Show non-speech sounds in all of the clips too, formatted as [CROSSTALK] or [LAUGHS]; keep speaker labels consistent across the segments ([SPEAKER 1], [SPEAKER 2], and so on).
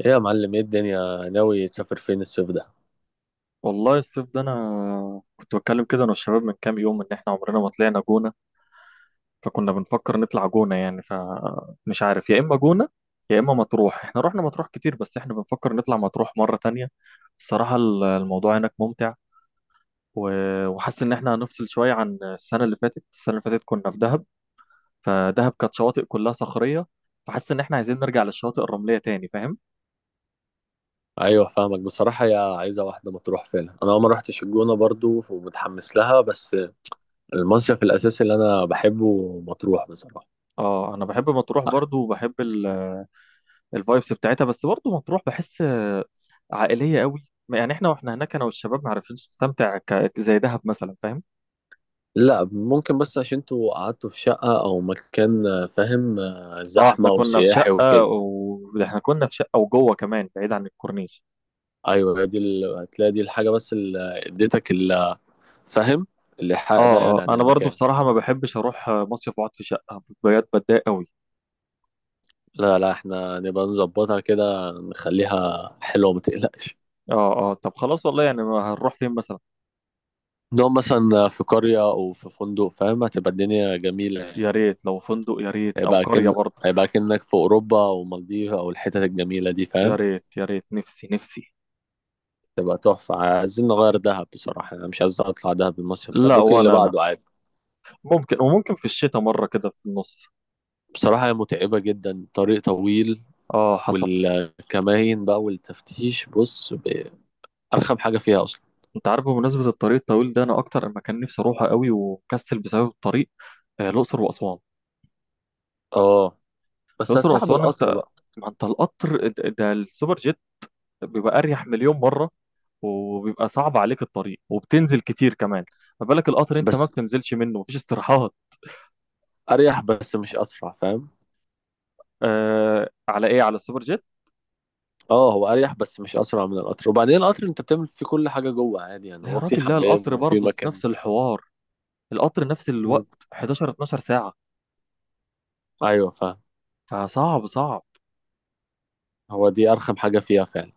[SPEAKER 1] ايه يا معلم، ايه الدنيا، ناوي تسافر فين الصيف ده؟
[SPEAKER 2] والله الصيف ده انا كنت بتكلم كده، انا والشباب من كام يوم، ان احنا عمرنا ما طلعنا جونة. فكنا بنفكر نطلع جونة يعني. فمش عارف، يا اما جونة يا اما مطروح. احنا رحنا مطروح كتير، بس احنا بنفكر نطلع مطروح مرة تانية. الصراحة الموضوع هناك ممتع. وحاسس ان احنا هنفصل شوية عن السنة اللي فاتت. السنة اللي فاتت كنا في دهب. فدهب كانت شواطئ كلها صخرية، فحاسس ان احنا عايزين نرجع للشواطئ الرملية تاني. فاهم؟
[SPEAKER 1] ايوه فاهمك بصراحه، يا عايزه واحده مطروح فعلا. انا ما رحتش الجونه برضو ومتحمس لها، بس المصيف الاساسي اللي انا بحبه مطروح بصراحه.
[SPEAKER 2] اه، انا بحب مطروح برضو، وبحب الفايبس بتاعتها، بس برضه مطروح بحس عائليه قوي. يعني احنا واحنا هناك، انا والشباب ما عرفناش نستمتع زي دهب مثلا. فاهم؟
[SPEAKER 1] لا ممكن، بس عشان انتوا قعدتوا في شقه او مكان فاهم،
[SPEAKER 2] اه، احنا
[SPEAKER 1] زحمه
[SPEAKER 2] كنا في
[SPEAKER 1] وسياحي
[SPEAKER 2] شقه
[SPEAKER 1] وكده.
[SPEAKER 2] واحنا كنا في شقه وجوه كمان، بعيد عن الكورنيش.
[SPEAKER 1] ايوه، هي دي هتلاقي دي الحاجه بس اللي اديتك فاهم، الايحاء ده
[SPEAKER 2] اه اه،
[SPEAKER 1] يعني عن
[SPEAKER 2] انا برضو
[SPEAKER 1] المكان.
[SPEAKER 2] بصراحه ما بحبش اروح مصيف واقعد في شقه. بجد بتضايق قوي.
[SPEAKER 1] لا لا، احنا نبقى نظبطها كده، نخليها حلوه، ما تقلقش.
[SPEAKER 2] اه اه، طب خلاص والله، يعني ما هنروح فين مثلا؟
[SPEAKER 1] نقعد مثلا في قرية أو في فندق، فاهم؟ هتبقى الدنيا جميلة.
[SPEAKER 2] يا ريت لو فندق، يا ريت او
[SPEAKER 1] هيبقى
[SPEAKER 2] قريه
[SPEAKER 1] كن
[SPEAKER 2] برضه.
[SPEAKER 1] هيبقى كأنك في أوروبا أو مالديف أو الحتت الجميلة دي،
[SPEAKER 2] يا
[SPEAKER 1] فاهم؟
[SPEAKER 2] ريت، يا ريت، نفسي نفسي.
[SPEAKER 1] تبقى تحفة. عايزين نغير دهب، بصراحة أنا مش عايز أطلع دهب المصيف ده،
[SPEAKER 2] لا،
[SPEAKER 1] ممكن اللي
[SPEAKER 2] وانا لا.
[SPEAKER 1] بعده عادي.
[SPEAKER 2] ممكن، وممكن في الشتاء مره كده في النص.
[SPEAKER 1] بصراحة هي متعبة جدا، طريق طويل.
[SPEAKER 2] اه، حصل.
[SPEAKER 1] والكماين بقى والتفتيش، بص أرخم حاجة فيها أصلا.
[SPEAKER 2] انت عارف، بمناسبة الطريق الطويل ده، انا اكتر مكان نفسي اروحه قوي ومكسل بسبب الطريق الاقصر واسوان.
[SPEAKER 1] اه، بس
[SPEAKER 2] الاقصر
[SPEAKER 1] هتروح
[SPEAKER 2] واسوان
[SPEAKER 1] بالقطر
[SPEAKER 2] انت،
[SPEAKER 1] بقى.
[SPEAKER 2] ما انت القطر ده السوبر جيت، بيبقى اريح مليون مرة. وبيبقى صعب عليك الطريق، وبتنزل كتير كمان. ما بالك القطر، انت ما
[SPEAKER 1] بس
[SPEAKER 2] بتنزلش منه، مفيش استراحات.
[SPEAKER 1] أريح، بس مش أسرع، فاهم؟
[SPEAKER 2] على ايه؟ على السوبر جيت.
[SPEAKER 1] اه، هو اريح بس مش اسرع من القطر، وبعدين القطر انت بتعمل فيه كل حاجه جوه عادي، يعني
[SPEAKER 2] لا يا
[SPEAKER 1] هو في
[SPEAKER 2] راجل، لا،
[SPEAKER 1] حمام
[SPEAKER 2] القطر
[SPEAKER 1] وفي
[SPEAKER 2] برضه
[SPEAKER 1] مكان.
[SPEAKER 2] نفس الحوار. القطر نفس
[SPEAKER 1] مم.
[SPEAKER 2] الوقت، 11 12 ساعة.
[SPEAKER 1] ايوه فاهم.
[SPEAKER 2] فصعب، صعب.
[SPEAKER 1] هو دي ارخم حاجه فيها فعلا.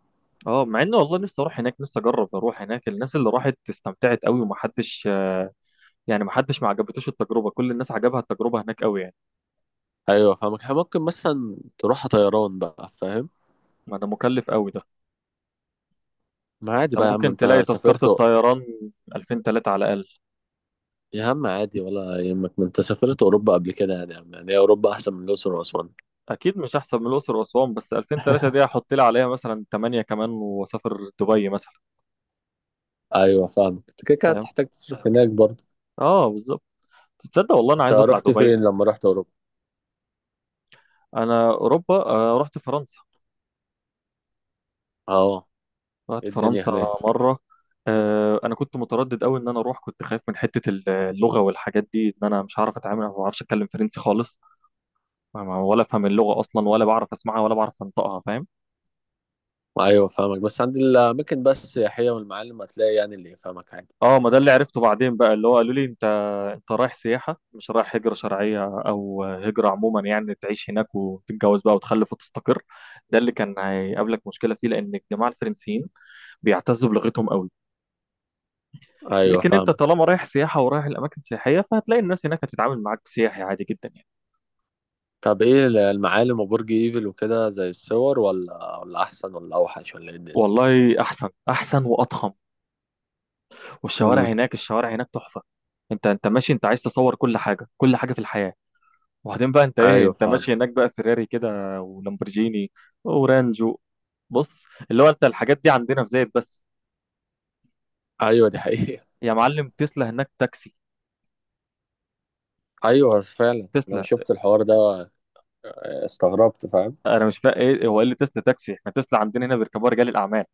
[SPEAKER 2] اه، مع اني والله نفسي اروح هناك، نفسي اجرب اروح هناك. الناس اللي راحت استمتعت قوي، ومحدش يعني ما حدش ما عجبتوش التجربه، كل الناس عجبها التجربه هناك قوي يعني.
[SPEAKER 1] ايوه فاهمك، إحنا ممكن مثلا تروح طيران بقى فاهم.
[SPEAKER 2] ما ده مكلف قوي ده.
[SPEAKER 1] ما عادي
[SPEAKER 2] انت
[SPEAKER 1] بقى يا عم،
[SPEAKER 2] ممكن
[SPEAKER 1] انت
[SPEAKER 2] تلاقي تذكره
[SPEAKER 1] سافرت.
[SPEAKER 2] الطيران 2000 3 على الاقل.
[SPEAKER 1] يا عم عادي ولا يهمك، ما انت سافرت اوروبا قبل كده يعني، يا عم يعني هي اوروبا احسن من الاقصر واسوان.
[SPEAKER 2] اكيد مش احسن من الاقصر واسوان، بس 2000 3 دي
[SPEAKER 1] [LAUGHS]
[SPEAKER 2] هحط لي عليها مثلا 8 كمان واسافر دبي مثلا.
[SPEAKER 1] ايوه فاهمك، انت كده كده
[SPEAKER 2] فاهم؟
[SPEAKER 1] هتحتاج تصرف هناك برضه.
[SPEAKER 2] اه، بالظبط. تصدق والله انا
[SPEAKER 1] انت
[SPEAKER 2] عايز اطلع
[SPEAKER 1] رحت
[SPEAKER 2] دبي.
[SPEAKER 1] فين لما رحت اوروبا؟
[SPEAKER 2] انا اوروبا، رحت فرنسا.
[SPEAKER 1] اه.
[SPEAKER 2] رحت
[SPEAKER 1] إيه الدنيا
[SPEAKER 2] فرنسا
[SPEAKER 1] هناك؟
[SPEAKER 2] مره. انا كنت متردد قوي ان انا اروح، كنت خايف من حته اللغه والحاجات دي، ان انا مش هعرف اتعامل، ما بعرفش اتكلم فرنسي خالص. ولا افهم اللغه اصلا، ولا بعرف اسمعها، ولا بعرف انطقها. فاهم؟
[SPEAKER 1] ايوه فاهمك، بس عند الاماكن بس السياحيه والمعالم هتلاقي يعني اللي يفهمك عادي.
[SPEAKER 2] اه، ما ده اللي عرفته بعدين بقى، اللي هو قالوا لي: انت رايح سياحه، مش رايح هجره شرعيه او هجره عموما، يعني تعيش هناك وتتجوز بقى وتخلف وتستقر. ده اللي كان هيقابلك مشكله فيه، لان الجماعه الفرنسيين بيعتزوا بلغتهم قوي.
[SPEAKER 1] ايوه
[SPEAKER 2] لكن انت
[SPEAKER 1] فاهمك.
[SPEAKER 2] طالما رايح سياحه ورايح الاماكن سياحيه، فهتلاقي الناس هناك هتتعامل معاك سياحي عادي جدا يعني.
[SPEAKER 1] طب ايه المعالم وبرج ايفل وكده، زي الصور ولا احسن ولا اوحش ولا ايه الدنيا؟
[SPEAKER 2] والله احسن، احسن واضخم. والشوارع
[SPEAKER 1] امم.
[SPEAKER 2] هناك الشوارع هناك تحفه. انت ماشي، انت عايز تصور كل حاجه، كل حاجه في الحياه. وبعدين بقى انت ايه،
[SPEAKER 1] ايوه
[SPEAKER 2] انت
[SPEAKER 1] فاهم.
[SPEAKER 2] ماشي هناك بقى فيراري كده، ولامبرجيني، ورانجو. بص، اللي هو انت الحاجات دي عندنا في زايد بس.
[SPEAKER 1] ايوه دي حقيقه.
[SPEAKER 2] يا معلم، تسلا هناك تاكسي.
[SPEAKER 1] [LAUGHS] ايوه فعلا، انا
[SPEAKER 2] تسلا.
[SPEAKER 1] شفت الحوار ده، استغربت، فاهم.
[SPEAKER 2] انا مش فاهم ايه هو، ايه اللي تسلا تاكسي؟ احنا تسلا عندنا هنا بيركبوها رجال الاعمال.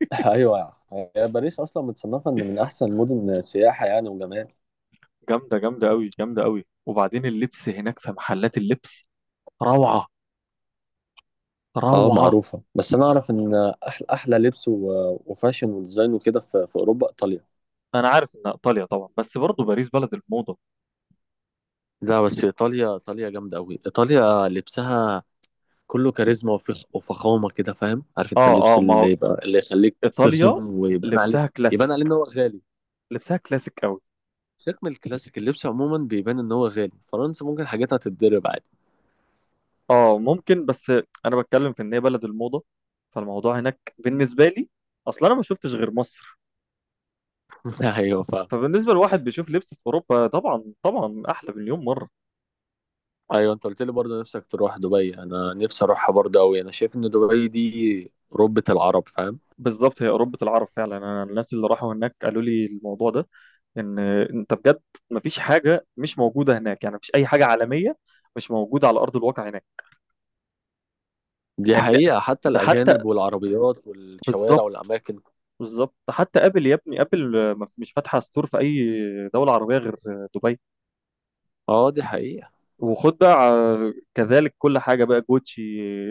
[SPEAKER 1] [LAUGHS] ايوه، هي باريس اصلا متصنفه ان من احسن المدن سياحه يعني وجمال.
[SPEAKER 2] جامده، جامده قوي، جامده قوي. وبعدين اللبس هناك، في محلات اللبس، روعه،
[SPEAKER 1] اه
[SPEAKER 2] روعه.
[SPEAKER 1] معروفه، بس انا اعرف ان احلى احلى لبس وفاشن وديزاين وكده في اوروبا، ايطاليا.
[SPEAKER 2] انا عارف ان ايطاليا طبعا، بس برضه باريس بلد الموضه.
[SPEAKER 1] لا، بس ايطاليا ايطاليا جامده قوي، ايطاليا لبسها كله كاريزما وفخ وفخامه كده، فاهم؟ عارف انت
[SPEAKER 2] اه
[SPEAKER 1] اللبس
[SPEAKER 2] اه، ما هو
[SPEAKER 1] اللي يبقى اللي يخليك
[SPEAKER 2] ايطاليا
[SPEAKER 1] فخم ويبان عليه.
[SPEAKER 2] لبسها كلاسيك،
[SPEAKER 1] يبان عليه ان هو غالي.
[SPEAKER 2] لبسها كلاسيك.
[SPEAKER 1] سيبك من الكلاسيك، اللبس عموما بيبان ان هو غالي. فرنسا ممكن حاجاتها تتضرب عادي.
[SPEAKER 2] اه، ممكن بس. انا بتكلم في ان هي بلد الموضه. فالموضوع هناك بالنسبه لي، اصلا انا ما شفتش غير مصر.
[SPEAKER 1] [LAUGHS] ايوه فاهم.
[SPEAKER 2] فبالنسبه لواحد بيشوف لبس في اوروبا، طبعا طبعا احلى مليون مره.
[SPEAKER 1] ايوه، انت قلت لي برضه نفسك تروح دبي، انا نفسي اروحها برضه قوي. انا شايف ان دبي دي ربة العرب، فاهم.
[SPEAKER 2] بالظبط، هي اوروبا العرب فعلا. انا الناس اللي راحوا هناك قالوا لي الموضوع ده، ان انت بجد ما فيش حاجه مش موجوده هناك. يعني ما فيش اي حاجه عالميه مش موجوده على ارض الواقع هناك.
[SPEAKER 1] دي
[SPEAKER 2] يعني ده,
[SPEAKER 1] حقيقه، حتى
[SPEAKER 2] ده حتى،
[SPEAKER 1] الاجانب والعربيات والشوارع
[SPEAKER 2] بالظبط.
[SPEAKER 1] والاماكن.
[SPEAKER 2] بالظبط، حتى ابل، يا ابني، ابل مش فاتحه ستور في اي دوله عربيه غير دبي.
[SPEAKER 1] اه دي حقيقه.
[SPEAKER 2] وخد بقى كذلك كل حاجه بقى، جوتشي،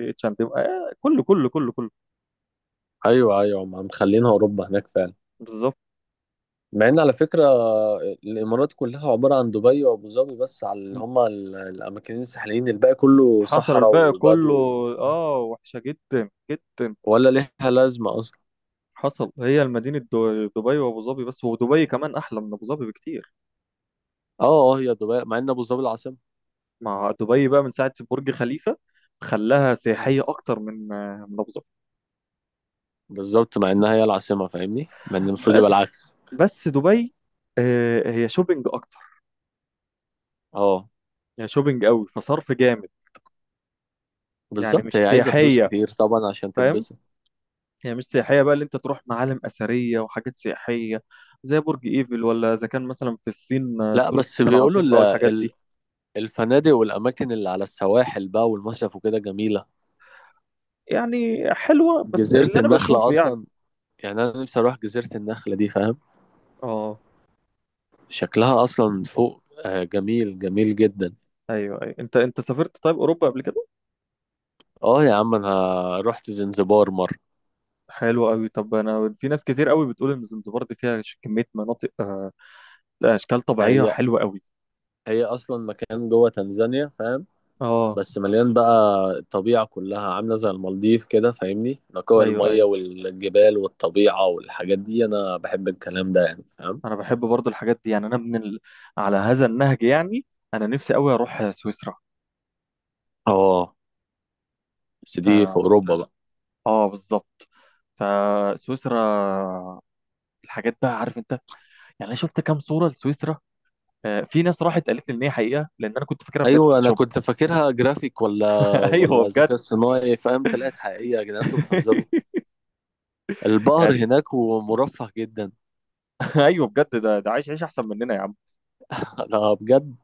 [SPEAKER 2] اتش اند ام، كله كله كله كله.
[SPEAKER 1] ايوه ايوه، هم مخلينها اوروبا هناك فعلا.
[SPEAKER 2] بالظبط.
[SPEAKER 1] مع ان على فكره، الامارات كلها عباره عن دبي وابو ظبي بس، على اللي هما الاماكنين الساحليين، الباقي كله
[SPEAKER 2] حصل،
[SPEAKER 1] صحراء
[SPEAKER 2] الباقي كله
[SPEAKER 1] وبدو.
[SPEAKER 2] اه، وحشه جدا جدا.
[SPEAKER 1] ولا ليها لازمه اصلا.
[SPEAKER 2] حصل، هي المدينه دبي وابو ظبي بس، ودبي كمان احلى من ابو ظبي بكتير.
[SPEAKER 1] اه اه، هي دبي مع ان ابو ظبي العاصمه.
[SPEAKER 2] مع دبي بقى من ساعه برج خليفه، خلاها
[SPEAKER 1] مم.
[SPEAKER 2] سياحيه اكتر من ابو ظبي.
[SPEAKER 1] بالظبط، مع انها هي العاصمه فاهمني، مع ان المفروض يبقى
[SPEAKER 2] بس
[SPEAKER 1] العكس.
[SPEAKER 2] بس دبي هي شوبينج اكتر.
[SPEAKER 1] اه
[SPEAKER 2] هي شوبينج قوي، فصرف جامد. يعني
[SPEAKER 1] بالظبط،
[SPEAKER 2] مش
[SPEAKER 1] هي عايزه فلوس
[SPEAKER 2] سياحيه.
[SPEAKER 1] كتير طبعا عشان
[SPEAKER 2] فاهم؟
[SPEAKER 1] تتبسط.
[SPEAKER 2] هي مش سياحية بقى، اللي انت تروح معالم أثرية وحاجات سياحية زي برج ايفل، ولا إذا كان مثلا في الصين
[SPEAKER 1] لا،
[SPEAKER 2] سور
[SPEAKER 1] بس
[SPEAKER 2] الصين
[SPEAKER 1] بيقولوا
[SPEAKER 2] العظيم بقى والحاجات دي.
[SPEAKER 1] الفنادق والاماكن اللي على السواحل بقى والمصيف وكده جميله.
[SPEAKER 2] يعني حلوة بس
[SPEAKER 1] جزيره
[SPEAKER 2] اللي أنا
[SPEAKER 1] النخله
[SPEAKER 2] بشوفه يعني.
[SPEAKER 1] اصلا، يعني انا نفسي اروح جزيره النخله دي، فاهم.
[SPEAKER 2] اه،
[SPEAKER 1] شكلها اصلا فوق جميل جميل جدا.
[SPEAKER 2] ايوه ايوه، انت سافرت طيب اوروبا قبل كده؟
[SPEAKER 1] اه يا عم، انا رحت زنزبار مره.
[SPEAKER 2] حلو قوي. طب انا، في ناس كتير قوي بتقول ان زنزبار دي فيها كميه مناطق، اشكال طبيعيه
[SPEAKER 1] هي
[SPEAKER 2] حلوه قوي.
[SPEAKER 1] هي اصلا مكان جوه تنزانيا، فاهم.
[SPEAKER 2] اه،
[SPEAKER 1] بس مليان بقى، الطبيعه كلها عامله زي المالديف كده، فاهمني نقاء
[SPEAKER 2] ايوه
[SPEAKER 1] الميه
[SPEAKER 2] ايوه.
[SPEAKER 1] والجبال والطبيعه والحاجات دي، انا بحب الكلام ده يعني، فاهم.
[SPEAKER 2] انا بحب برضو الحاجات دي يعني. انا من على هذا النهج يعني. انا نفسي قوي اروح سويسرا.
[SPEAKER 1] اه، بس دي في اوروبا بقى.
[SPEAKER 2] اه، بالظبط. فسويسرا الحاجات بقى، عارف انت، يعني انا شفت كام صوره لسويسرا. في ناس راحت قالت لي ان هي حقيقه، لان انا كنت فاكرها بجد
[SPEAKER 1] ايوه، انا
[SPEAKER 2] فوتوشوب.
[SPEAKER 1] كنت فاكرها جرافيك ولا
[SPEAKER 2] [LAUGHS] ايوه
[SPEAKER 1] ولا
[SPEAKER 2] بجد.
[SPEAKER 1] ذكاء صناعي، فاهم، طلعت حقيقيه، يا جدعان انتوا بتهزروا،
[SPEAKER 2] [LAUGHS]
[SPEAKER 1] البقر
[SPEAKER 2] يعني.
[SPEAKER 1] هناك ومرفه جدا.
[SPEAKER 2] [LAUGHS] ايوه بجد، ده عايش عيش احسن مننا يا عم.
[SPEAKER 1] [LAUGHS] انا بجد.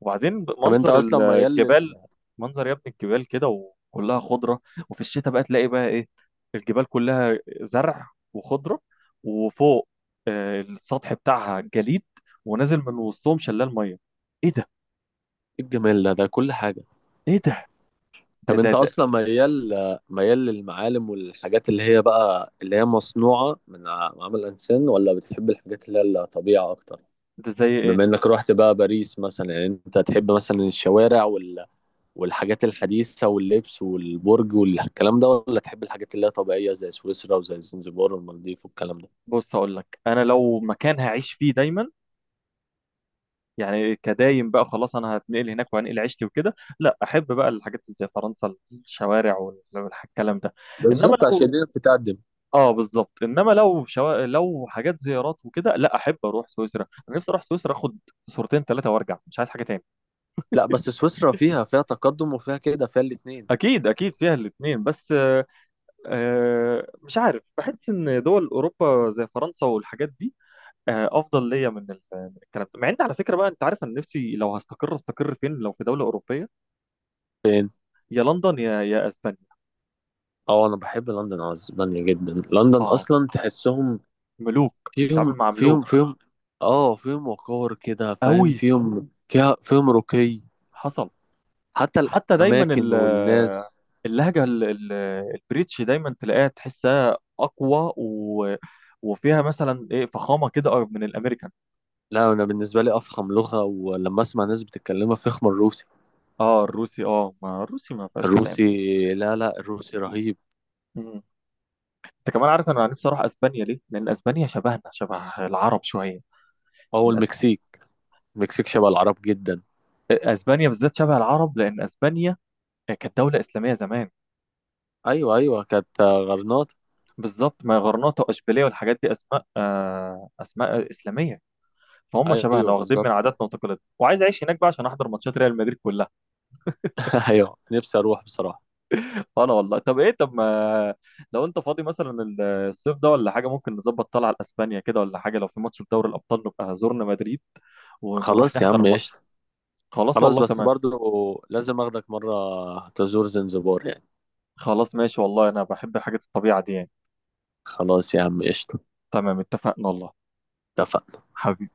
[SPEAKER 2] وبعدين
[SPEAKER 1] طب انت
[SPEAKER 2] منظر
[SPEAKER 1] اصلا ميال
[SPEAKER 2] الجبال.
[SPEAKER 1] لل
[SPEAKER 2] منظر يا ابني الجبال كده، وكلها خضره. وفي الشتاء بقى تلاقي بقى ايه؟ الجبال كلها زرع وخضره، وفوق السطح بتاعها جليد، ونازل من وسطهم شلال ميه. ايه ده!
[SPEAKER 1] إيه الجمال ده كل حاجه.
[SPEAKER 2] ايه ده! ده
[SPEAKER 1] طب
[SPEAKER 2] ده
[SPEAKER 1] انت
[SPEAKER 2] ده,
[SPEAKER 1] اصلا ميال للمعالم والحاجات اللي هي بقى اللي هي مصنوعه من عمل الانسان، ولا بتحب الحاجات اللي هي الطبيعه اكتر؟
[SPEAKER 2] ده زي ايه؟
[SPEAKER 1] بما انك رحت بقى باريس مثلا، يعني انت تحب مثلا الشوارع والحاجات الحديثه واللبس والبرج والكلام ده، ولا تحب الحاجات اللي هي طبيعيه زي سويسرا وزي زنزبار والمالديف والكلام ده؟
[SPEAKER 2] بص، هقول لك: انا لو مكان هعيش فيه دايما، يعني كدايم بقى، خلاص انا هتنقل هناك وهنقل عيشتي وكده، لا احب بقى الحاجات اللي زي فرنسا، الشوارع والكلام ده. انما
[SPEAKER 1] بالظبط، عشان
[SPEAKER 2] لو،
[SPEAKER 1] دي بتتقدم.
[SPEAKER 2] اه بالظبط، لو حاجات زيارات وكده، لا احب اروح سويسرا. انا نفسي اروح سويسرا، اخد صورتين ثلاثه وارجع، مش عايز حاجه تاني.
[SPEAKER 1] لا، بس سويسرا فيها تقدم، وفيها كده فيها الاتنين
[SPEAKER 2] اكيد، اكيد فيها الاثنين، بس مش عارف، بحس ان دول اوروبا زي فرنسا والحاجات دي افضل ليا من الكلام ده. مع ان على فكره بقى، انت عارف انا نفسي لو هستقر، استقر فين؟ لو في دوله اوروبيه،
[SPEAKER 1] يعني.
[SPEAKER 2] يا لندن، يا اسبانيا.
[SPEAKER 1] اه انا بحب لندن، اسبانيا جدا، لندن
[SPEAKER 2] اه،
[SPEAKER 1] اصلا تحسهم
[SPEAKER 2] ملوك بتتعامل
[SPEAKER 1] فيهم
[SPEAKER 2] مع
[SPEAKER 1] فيهم
[SPEAKER 2] ملوك.
[SPEAKER 1] فيهم اه فيهم وقار كده، فاهم،
[SPEAKER 2] قوي.
[SPEAKER 1] فيهم رقي.
[SPEAKER 2] حصل.
[SPEAKER 1] حتى
[SPEAKER 2] حتى دايما
[SPEAKER 1] الاماكن والناس.
[SPEAKER 2] اللهجه البريتش دايما تلاقيها، تحسها اقوى، و وفيها مثلا ايه، فخامه كده، أكتر من الامريكان.
[SPEAKER 1] لا، انا بالنسبه لي افخم لغه ولما اسمع ناس بتتكلمها فخم، الروسي.
[SPEAKER 2] اه، الروسي. اه، ما الروسي ما فيهاش كلام
[SPEAKER 1] الروسي.
[SPEAKER 2] دي.
[SPEAKER 1] لا لا، الروسي رهيب.
[SPEAKER 2] مم. انت كمان، عارف انا نفسي اروح اسبانيا ليه؟ لان اسبانيا شبهنا، شبه العرب شويه.
[SPEAKER 1] او
[SPEAKER 2] لان
[SPEAKER 1] المكسيك. المكسيك شبه العرب جدا.
[SPEAKER 2] اسبانيا بالذات شبه العرب، لان اسبانيا كانت دوله اسلاميه زمان.
[SPEAKER 1] ايوه ايوه، كانت غرناطه.
[SPEAKER 2] بالظبط، ما غرناطه واشبيليه والحاجات دي اسماء، اسماء اسلاميه. فهم شبهنا،
[SPEAKER 1] ايوه
[SPEAKER 2] واخدين من
[SPEAKER 1] بالظبط.
[SPEAKER 2] عاداتنا وتقاليدنا، وعايز اعيش هناك بقى عشان احضر ماتشات ريال مدريد كلها.
[SPEAKER 1] [LAUGHS] ايوه نفسي اروح بصراحه.
[SPEAKER 2] انا والله، طب ايه طب ما لو انت فاضي مثلا الصيف ده ولا حاجه، ممكن نظبط طلعه لاسبانيا كده ولا حاجه. لو في ماتش في دوري الابطال، نبقى زورنا مدريد ونروح
[SPEAKER 1] خلاص يا
[SPEAKER 2] نحضر
[SPEAKER 1] عم ايش.
[SPEAKER 2] الماتش. خلاص
[SPEAKER 1] خلاص
[SPEAKER 2] والله
[SPEAKER 1] بس
[SPEAKER 2] تمام.
[SPEAKER 1] برضو، لازم اخدك مرة تزور زنزبار يعني.
[SPEAKER 2] خلاص ماشي والله، انا بحب حاجه الطبيعه دي يعني.
[SPEAKER 1] خلاص يا عم قشطة.
[SPEAKER 2] تمام، اتفقنا والله.
[SPEAKER 1] اتفقنا.
[SPEAKER 2] حبيبي.